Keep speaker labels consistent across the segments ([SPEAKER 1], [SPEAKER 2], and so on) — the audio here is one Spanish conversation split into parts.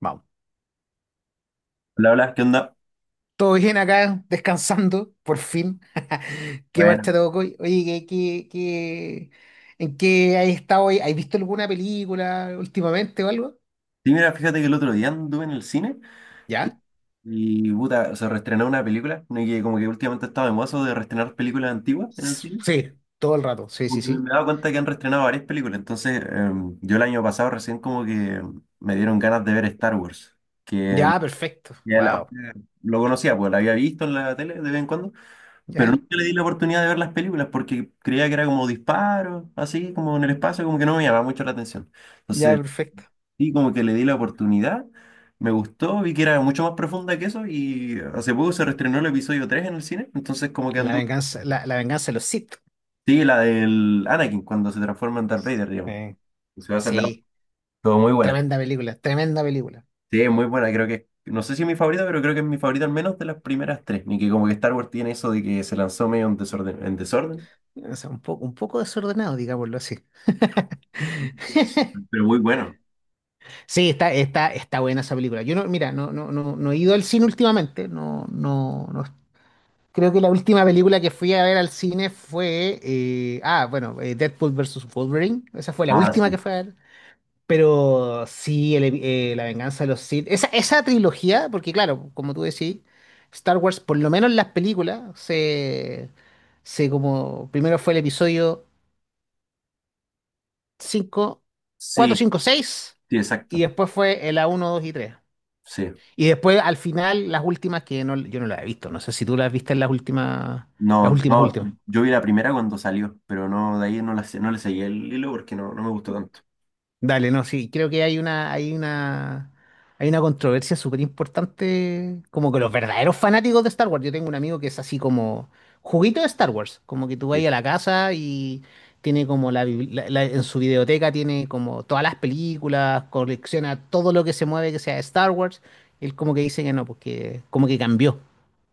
[SPEAKER 1] Vamos.
[SPEAKER 2] Hola, hola, ¿qué onda?
[SPEAKER 1] Todo bien acá, descansando, por fin. ¿Qué
[SPEAKER 2] Bueno,
[SPEAKER 1] marcha te tocó hoy? Oye, ¿en qué has estado hoy? ¿Has visto alguna película últimamente o algo?
[SPEAKER 2] sí, mira, fíjate que el otro día anduve en el cine y,
[SPEAKER 1] ¿Ya?
[SPEAKER 2] puta, se reestrenó una película, ¿no? Y que como que últimamente estaba de mozo de reestrenar películas antiguas en el
[SPEAKER 1] S-
[SPEAKER 2] cine.
[SPEAKER 1] Sí, todo el rato. Sí, sí,
[SPEAKER 2] Porque
[SPEAKER 1] sí.
[SPEAKER 2] me he dado cuenta que han reestrenado varias películas, entonces yo el año pasado recién como que me dieron ganas de ver Star Wars, que
[SPEAKER 1] Ya, perfecto.
[SPEAKER 2] ya la-
[SPEAKER 1] Wow.
[SPEAKER 2] lo conocía, pues la había visto en la tele de vez en cuando, pero
[SPEAKER 1] Ya,
[SPEAKER 2] nunca le di la oportunidad de ver las películas porque creía que era como disparos, así como en el espacio, como que no me llamaba mucho la atención.
[SPEAKER 1] ya,
[SPEAKER 2] Entonces
[SPEAKER 1] perfecto.
[SPEAKER 2] y como que le di la oportunidad, me gustó, vi que era mucho más profunda que eso y hace poco se reestrenó el episodio 3 en el cine, entonces como que
[SPEAKER 1] La
[SPEAKER 2] andó.
[SPEAKER 1] venganza, la, la venganza de los Sith.
[SPEAKER 2] Sí, la del Anakin cuando se transforma en Darth Vader, digamos.
[SPEAKER 1] Eh,
[SPEAKER 2] Se va a el la
[SPEAKER 1] Sí,
[SPEAKER 2] todo muy buena.
[SPEAKER 1] tremenda película, tremenda película.
[SPEAKER 2] Sí, es muy buena, creo que no sé si es mi favorita, pero creo que es mi favorita al menos de las primeras 3. Ni que como que Star Wars tiene eso de que se lanzó medio en desorden,
[SPEAKER 1] O sea, un poco desordenado, digámoslo así.
[SPEAKER 2] pero muy bueno.
[SPEAKER 1] Sí, está buena esa película. Yo no, mira, no he ido al cine últimamente. No, no, no. Creo que la última película que fui a ver al cine fue, bueno, Deadpool versus Wolverine. Esa fue la
[SPEAKER 2] Ah,
[SPEAKER 1] última
[SPEAKER 2] sí.
[SPEAKER 1] que fui a ver. Pero sí, La Venganza de los Sith. Esa trilogía, porque claro, como tú decís, Star Wars, por lo menos en las películas, se como, primero fue el episodio 5, 4,
[SPEAKER 2] Sí,
[SPEAKER 1] 5, 6,
[SPEAKER 2] sí,
[SPEAKER 1] y
[SPEAKER 2] exacto.
[SPEAKER 1] después fue el a uno, 2 y 3.
[SPEAKER 2] Sí.
[SPEAKER 1] Y después, al final, las últimas que no, yo no las he visto. No sé si tú las viste en las últimas,
[SPEAKER 2] No, no,
[SPEAKER 1] últimas.
[SPEAKER 2] yo vi la primera cuando salió, pero no, de ahí no la, no le seguí el hilo porque no, no me gustó tanto.
[SPEAKER 1] Dale, no, sí, creo que hay una controversia súper importante, como que los verdaderos fanáticos de Star Wars. Yo tengo un amigo que es así como juguito de Star Wars, como que tú vas
[SPEAKER 2] Sí.
[SPEAKER 1] a la casa y tiene como la, bibli- la- la- en su videoteca tiene como todas las películas, colecciona todo lo que se mueve que sea de Star Wars. Él como que dice que no, porque como que cambió,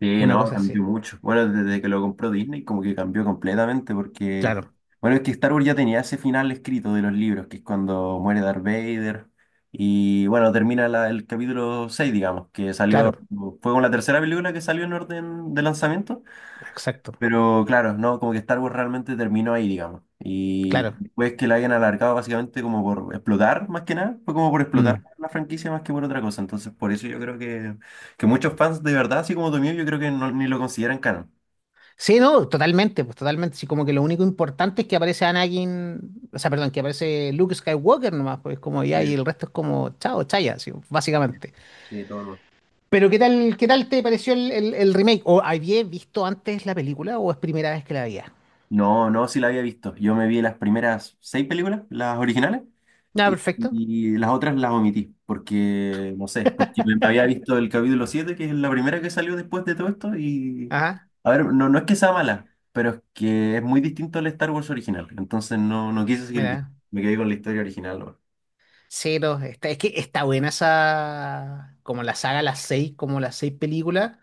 [SPEAKER 2] Sí,
[SPEAKER 1] una
[SPEAKER 2] no,
[SPEAKER 1] cosa así.
[SPEAKER 2] cambió mucho. Bueno, desde que lo compró Disney como que cambió completamente porque,
[SPEAKER 1] Claro,
[SPEAKER 2] bueno, es que Star Wars ya tenía ese final escrito de los libros, que es cuando muere Darth Vader y, bueno, termina el capítulo 6, digamos, que salió,
[SPEAKER 1] claro,
[SPEAKER 2] fue con la tercera película que salió en orden de lanzamiento.
[SPEAKER 1] exacto.
[SPEAKER 2] Pero claro, no, como que Star Wars realmente terminó ahí, digamos. Y
[SPEAKER 1] Claro.
[SPEAKER 2] después que la hayan alargado básicamente como por explotar, más que nada, fue como por explotar
[SPEAKER 1] Mm.
[SPEAKER 2] la franquicia más que por otra cosa. Entonces, por eso yo creo que muchos fans de verdad, así como tú mío, yo creo que ni lo consideran canon.
[SPEAKER 1] Sí, no, totalmente, pues totalmente. Sí, como que lo único importante es que aparece Anakin, o sea, perdón, que aparece Luke Skywalker nomás, pues como ya, y
[SPEAKER 2] Sí,
[SPEAKER 1] el resto es como, chao, chaya, así,
[SPEAKER 2] sí,
[SPEAKER 1] básicamente.
[SPEAKER 2] sí, todo mal.
[SPEAKER 1] Pero ¿qué tal te pareció el remake? ¿O habías visto antes la película o es primera vez que la veías?
[SPEAKER 2] No, no, sí la había visto. Yo me vi las primeras 6 películas, las originales,
[SPEAKER 1] Ah,
[SPEAKER 2] Y,
[SPEAKER 1] perfecto.
[SPEAKER 2] y las otras las omití, porque, no sé, porque me había visto el capítulo 7 que es la primera que salió después de todo esto, y,
[SPEAKER 1] Ajá,
[SPEAKER 2] a ver, no, no es que sea mala, pero es que es muy distinto al Star Wars original, entonces no, no quise seguir viendo,
[SPEAKER 1] mira.
[SPEAKER 2] me quedé con la historia original. ¿No?
[SPEAKER 1] Sí, no, es que está buena esa, como la saga, las seis, como las seis películas.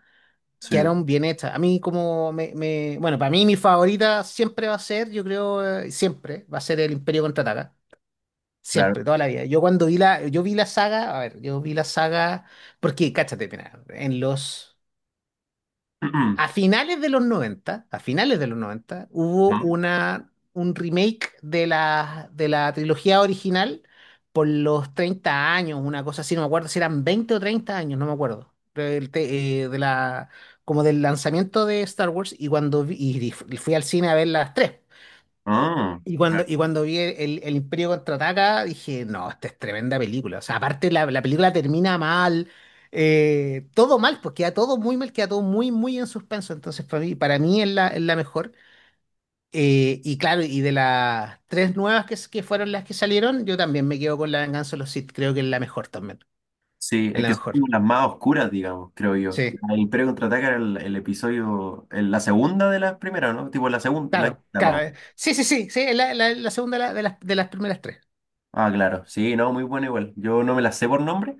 [SPEAKER 2] Sí,
[SPEAKER 1] Quedaron bien hechas. A mí como bueno, para mí mi favorita siempre va a ser, yo creo, siempre, va a ser el Imperio Contraataca.
[SPEAKER 2] claro.
[SPEAKER 1] Siempre, toda la vida. Yo cuando vi la, yo vi la saga, a ver, yo vi la saga, porque, cáchate, mira, en los
[SPEAKER 2] ¿No?
[SPEAKER 1] a finales de los 90, a finales de los 90, hubo un remake de la trilogía original por los 30 años, una cosa así, no me acuerdo si eran 20 o 30 años, no me acuerdo. Del te- de la, como del lanzamiento de Star Wars y y fui al cine a ver las tres.
[SPEAKER 2] Ah, claro.
[SPEAKER 1] Y cuando vi el Imperio Contraataca, dije, no, esta es tremenda película. O sea, aparte la película termina mal, todo mal, pues queda todo muy mal, queda todo muy, muy en suspenso. Entonces, para mí es la mejor. Y claro, y de las tres nuevas que fueron las que salieron, yo también me quedo con La Venganza de los Sith. Creo que es la mejor también.
[SPEAKER 2] Sí,
[SPEAKER 1] Es
[SPEAKER 2] es
[SPEAKER 1] la
[SPEAKER 2] que son como
[SPEAKER 1] mejor.
[SPEAKER 2] las más oscuras, digamos, creo yo.
[SPEAKER 1] Sí,
[SPEAKER 2] El Imperio Contraataca era el episodio, la segunda de las primeras, ¿no? Tipo la segunda, la
[SPEAKER 1] claro,
[SPEAKER 2] quinta
[SPEAKER 1] claro.
[SPEAKER 2] más o...
[SPEAKER 1] Sí, sí, sí, sí, es la segunda de las primeras tres.
[SPEAKER 2] Ah, claro, sí, no, muy bueno igual. Yo no me la sé por nombre,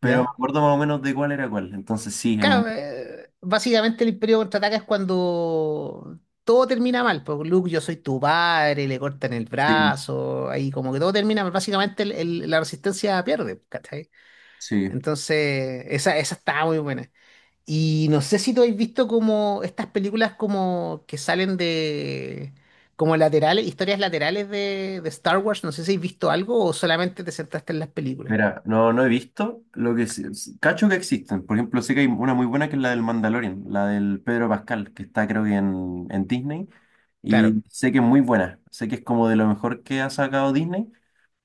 [SPEAKER 2] pero me
[SPEAKER 1] ¿Ya?
[SPEAKER 2] acuerdo más o menos de cuál era cuál. Entonces sí,
[SPEAKER 1] Claro, básicamente el Imperio Contraataca es cuando todo termina mal. Porque Luke, yo soy tu padre, le cortan el
[SPEAKER 2] sí,
[SPEAKER 1] brazo, ahí como que todo termina mal. Básicamente la resistencia pierde, ¿cachai?
[SPEAKER 2] sí.
[SPEAKER 1] Entonces, esa está muy buena. Y no sé si tú habéis visto como estas películas como que salen de como laterales, historias laterales de Star Wars. No sé si habéis visto algo o solamente te sentaste en las películas.
[SPEAKER 2] Mira, no, no he visto lo que cacho que existen. Por ejemplo, sé que hay una muy buena que es la del Mandalorian, la del Pedro Pascal, que está creo que en Disney.
[SPEAKER 1] Claro.
[SPEAKER 2] Y sé que es muy buena. Sé que es como de lo mejor que ha sacado Disney,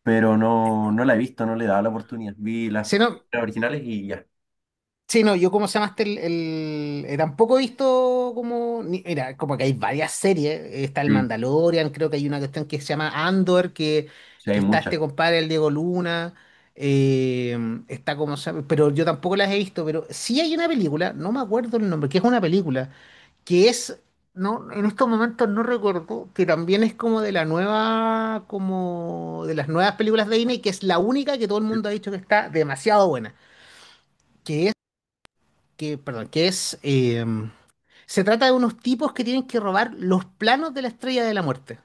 [SPEAKER 2] pero no, no la he visto, no le he dado la oportunidad. Vi
[SPEAKER 1] Sí, no,
[SPEAKER 2] las originales y ya.
[SPEAKER 1] sí, no, yo como se llamaste tampoco he visto como, mira, como que hay varias series, está el
[SPEAKER 2] Sí,
[SPEAKER 1] Mandalorian, creo que hay una cuestión que se llama Andor, que,
[SPEAKER 2] sí,
[SPEAKER 1] que
[SPEAKER 2] hay
[SPEAKER 1] está
[SPEAKER 2] muchas.
[SPEAKER 1] este compadre, el Diego Luna, eh, está como, pero yo tampoco las he visto, pero sí hay una película, no me acuerdo el nombre, que es una película, que es, no, en estos momentos no recuerdo, que también es como de la nueva, como de las nuevas películas de Disney, que es la única que todo el mundo ha dicho que está demasiado buena que que, perdón, que es, se trata de unos tipos que tienen que robar los planos de la Estrella de la Muerte.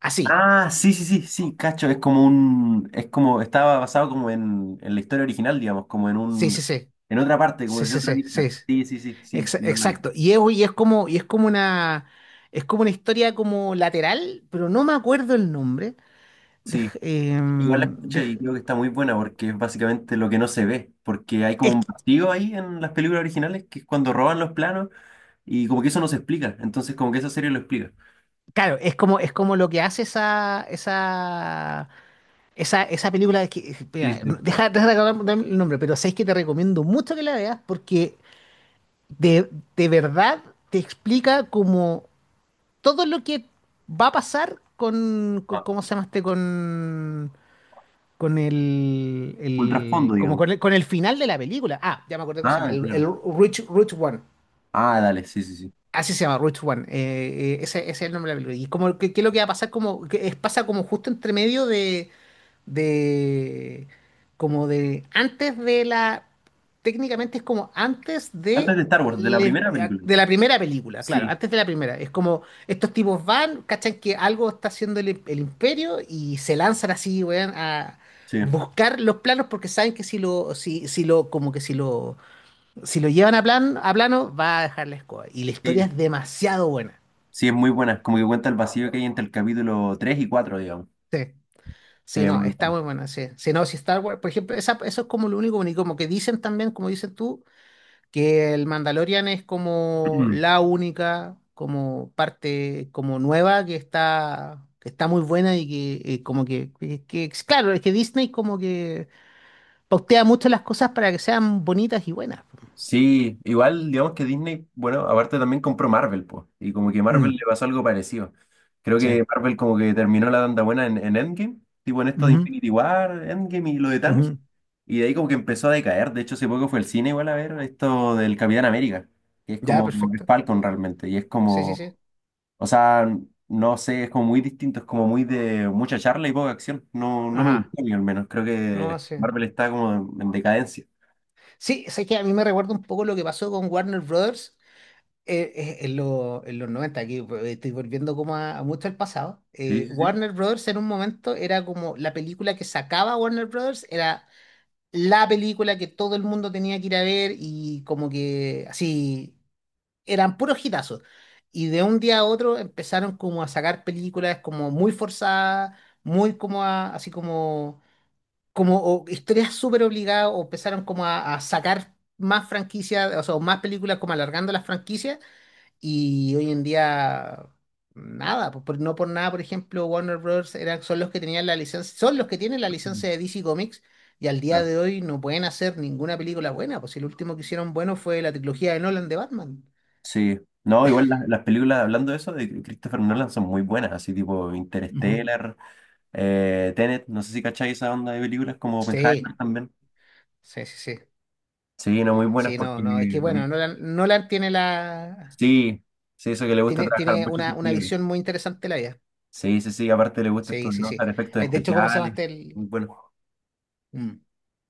[SPEAKER 1] Así.
[SPEAKER 2] Ah, sí, sí, sí, sí, cacho, es como un, es como, estaba basado como en la historia original, digamos, como en
[SPEAKER 1] Sí, sí,
[SPEAKER 2] un,
[SPEAKER 1] sí.
[SPEAKER 2] en otra parte, como
[SPEAKER 1] Sí,
[SPEAKER 2] desde
[SPEAKER 1] sí,
[SPEAKER 2] otra
[SPEAKER 1] sí,
[SPEAKER 2] vista.
[SPEAKER 1] sí.
[SPEAKER 2] Sí, sí, sí, sí,
[SPEAKER 1] Ex-
[SPEAKER 2] igual la vi.
[SPEAKER 1] exacto. Es como una historia como lateral, pero no me acuerdo el nombre.
[SPEAKER 2] Sí,
[SPEAKER 1] Dej-
[SPEAKER 2] igual la
[SPEAKER 1] em,
[SPEAKER 2] escuché y
[SPEAKER 1] dej-
[SPEAKER 2] creo que está muy buena porque es básicamente lo que no se ve, porque hay como
[SPEAKER 1] es,
[SPEAKER 2] un vacío ahí en las películas originales que es cuando roban los planos y como que eso no se explica, entonces como que esa serie lo explica.
[SPEAKER 1] claro, es como lo que hace esa película. Que,
[SPEAKER 2] Sí,
[SPEAKER 1] mira,
[SPEAKER 2] sí, sí.
[SPEAKER 1] deja, de acordarme el nombre, pero sabéis que te recomiendo mucho que la veas porque de, de verdad te explica como todo lo que va a pasar
[SPEAKER 2] Ah,
[SPEAKER 1] ¿cómo se llama este? Con
[SPEAKER 2] un
[SPEAKER 1] el-
[SPEAKER 2] trasfondo,
[SPEAKER 1] como
[SPEAKER 2] digamos.
[SPEAKER 1] con el final de la película. Ah, ya me acordé cómo se llama,
[SPEAKER 2] Ah,
[SPEAKER 1] el,
[SPEAKER 2] claro.
[SPEAKER 1] el Rich One.
[SPEAKER 2] Ah, dale, sí, sí, sí.
[SPEAKER 1] Así se llama, Rich One. Ese es el nombre de la película. ¿Y como, que qué es lo que va a pasar? Como, pasa como justo entre medio de como de antes de la técnicamente es como antes
[SPEAKER 2] Antes de Star Wars, de la
[SPEAKER 1] le-
[SPEAKER 2] primera película.
[SPEAKER 1] de la primera película, claro,
[SPEAKER 2] Sí,
[SPEAKER 1] antes de la primera. Es como estos tipos van, cachan que algo está haciendo el imperio y se lanzan así, weón, a
[SPEAKER 2] sí.
[SPEAKER 1] buscar los planos porque saben que si lo llevan a plano va a dejar la escoba y la historia
[SPEAKER 2] Sí,
[SPEAKER 1] es demasiado buena.
[SPEAKER 2] sí, es muy buena, como que cuenta el vacío que hay entre el capítulo 3 y 4, digamos.
[SPEAKER 1] Sí.
[SPEAKER 2] Sí,
[SPEAKER 1] Sí,
[SPEAKER 2] es
[SPEAKER 1] no,
[SPEAKER 2] muy
[SPEAKER 1] está
[SPEAKER 2] buena.
[SPEAKER 1] muy buena, sí. Si no, si Star Wars, por ejemplo, eso es como lo único bonito, como que dicen también, como dices tú, que el Mandalorian es como la única, como parte, como nueva, que está muy buena y que, como que, es claro, es que Disney como que pautea mucho las cosas para que sean bonitas y buenas.
[SPEAKER 2] Sí, igual, digamos que Disney, bueno, aparte también compró Marvel, pues, y como que Marvel
[SPEAKER 1] Mm,
[SPEAKER 2] le pasó algo parecido. Creo
[SPEAKER 1] sí.
[SPEAKER 2] que Marvel como que terminó la tanda buena en Endgame, tipo en esto de
[SPEAKER 1] Ujú,
[SPEAKER 2] Infinity War, Endgame y lo de Thanos,
[SPEAKER 1] ujú.
[SPEAKER 2] y de ahí como que empezó a decaer. De hecho, hace poco fue el cine igual a ver esto del Capitán América, que es
[SPEAKER 1] Ya,
[SPEAKER 2] como como que es
[SPEAKER 1] perfecto.
[SPEAKER 2] Falcon realmente, y es
[SPEAKER 1] Sí, sí,
[SPEAKER 2] como...
[SPEAKER 1] sí.
[SPEAKER 2] O sea, no sé, es como muy distinto, es como muy de mucha charla y poca acción. No, no me
[SPEAKER 1] Ajá.
[SPEAKER 2] gustó a mí al menos. Creo
[SPEAKER 1] No,
[SPEAKER 2] que
[SPEAKER 1] sí.
[SPEAKER 2] Marvel está como en decadencia.
[SPEAKER 1] Sí, sé que a mí me recuerda un poco lo que pasó con Warner Brothers en los 90 aquí, estoy volviendo como a mucho al pasado,
[SPEAKER 2] Sí, sí,
[SPEAKER 1] Warner Brothers en un momento era como la película que sacaba Warner Brothers, era la película que todo el mundo tenía que ir a ver y como que así eran puros hitazos. Y de un día a otro empezaron como a sacar películas como muy forzadas, muy como así como, o historias súper obligadas o empezaron como a sacar más franquicias, o sea, más películas como alargando las franquicias. Y hoy en día, nada, pues, no por nada, por ejemplo, Warner Bros. Son los que tenían la licencia, son los que tienen la
[SPEAKER 2] sí.
[SPEAKER 1] licencia de DC Comics y al día
[SPEAKER 2] Claro.
[SPEAKER 1] de hoy no pueden hacer ninguna película buena, pues si el último que hicieron bueno fue la trilogía de Nolan de Batman.
[SPEAKER 2] Sí. No, igual las películas, hablando de eso, de Christopher Nolan son muy buenas, así tipo
[SPEAKER 1] Ujú.
[SPEAKER 2] Interstellar, Tenet, no sé si cacháis esa onda de películas como Oppenheimer
[SPEAKER 1] Sí,
[SPEAKER 2] también.
[SPEAKER 1] sí, sí, sí.
[SPEAKER 2] Sí, no, muy buenas
[SPEAKER 1] Sí, no,
[SPEAKER 2] porque...
[SPEAKER 1] no, es que bueno, Nolan tiene la
[SPEAKER 2] Sí, sí, eso que le gusta
[SPEAKER 1] tiene,
[SPEAKER 2] trabajar
[SPEAKER 1] tiene
[SPEAKER 2] mucho
[SPEAKER 1] una,
[SPEAKER 2] sus
[SPEAKER 1] una
[SPEAKER 2] películas.
[SPEAKER 1] visión muy interesante de la vida.
[SPEAKER 2] Sí, sí, sí, aparte le gusta esto
[SPEAKER 1] Sí,
[SPEAKER 2] de
[SPEAKER 1] sí, sí.
[SPEAKER 2] notar efectos
[SPEAKER 1] De hecho, ¿cómo se llama
[SPEAKER 2] especiales,
[SPEAKER 1] este?
[SPEAKER 2] muy bueno.
[SPEAKER 1] Mm.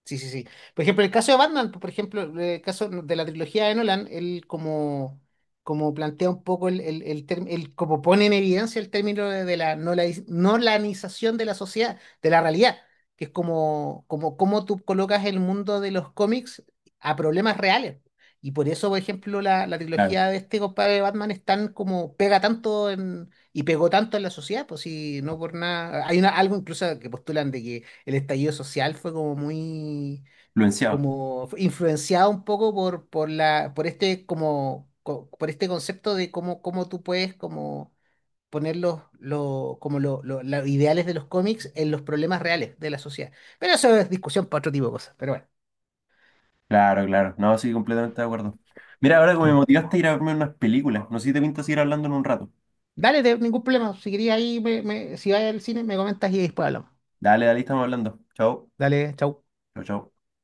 [SPEAKER 1] Sí, sí, sí. Por ejemplo, el caso de Batman, por ejemplo, el caso de la trilogía de Nolan, él como plantea un poco como pone en evidencia el término de la nolanización de la sociedad, de la realidad, que es como tú colocas el mundo de los cómics a problemas reales. Y por eso, por ejemplo, la
[SPEAKER 2] Claro,
[SPEAKER 1] trilogía de este compadre de Batman es tan como y pegó tanto en la sociedad, pues si no por nada. Algo incluso que postulan de que el estallido social
[SPEAKER 2] influenciado.
[SPEAKER 1] como fue influenciado un poco por la, por este, como, co- por este concepto de cómo tú puedes como poner los, lo- como lo- los ideales de los cómics en los problemas reales de la sociedad. Pero eso es discusión para otro tipo de cosas. Pero bueno,
[SPEAKER 2] Claro, claro. No, sí, completamente de acuerdo. Mira, ahora que
[SPEAKER 1] Sí.
[SPEAKER 2] me motivaste a ir a verme unas películas, no sé si te pinta seguir hablando en un rato.
[SPEAKER 1] Dale, ningún problema. Si querías ahí, si vas al cine, me comentas y después hablamos.
[SPEAKER 2] Dale, dale, estamos hablando. Chao.
[SPEAKER 1] Dale, chau.
[SPEAKER 2] Chao, chao.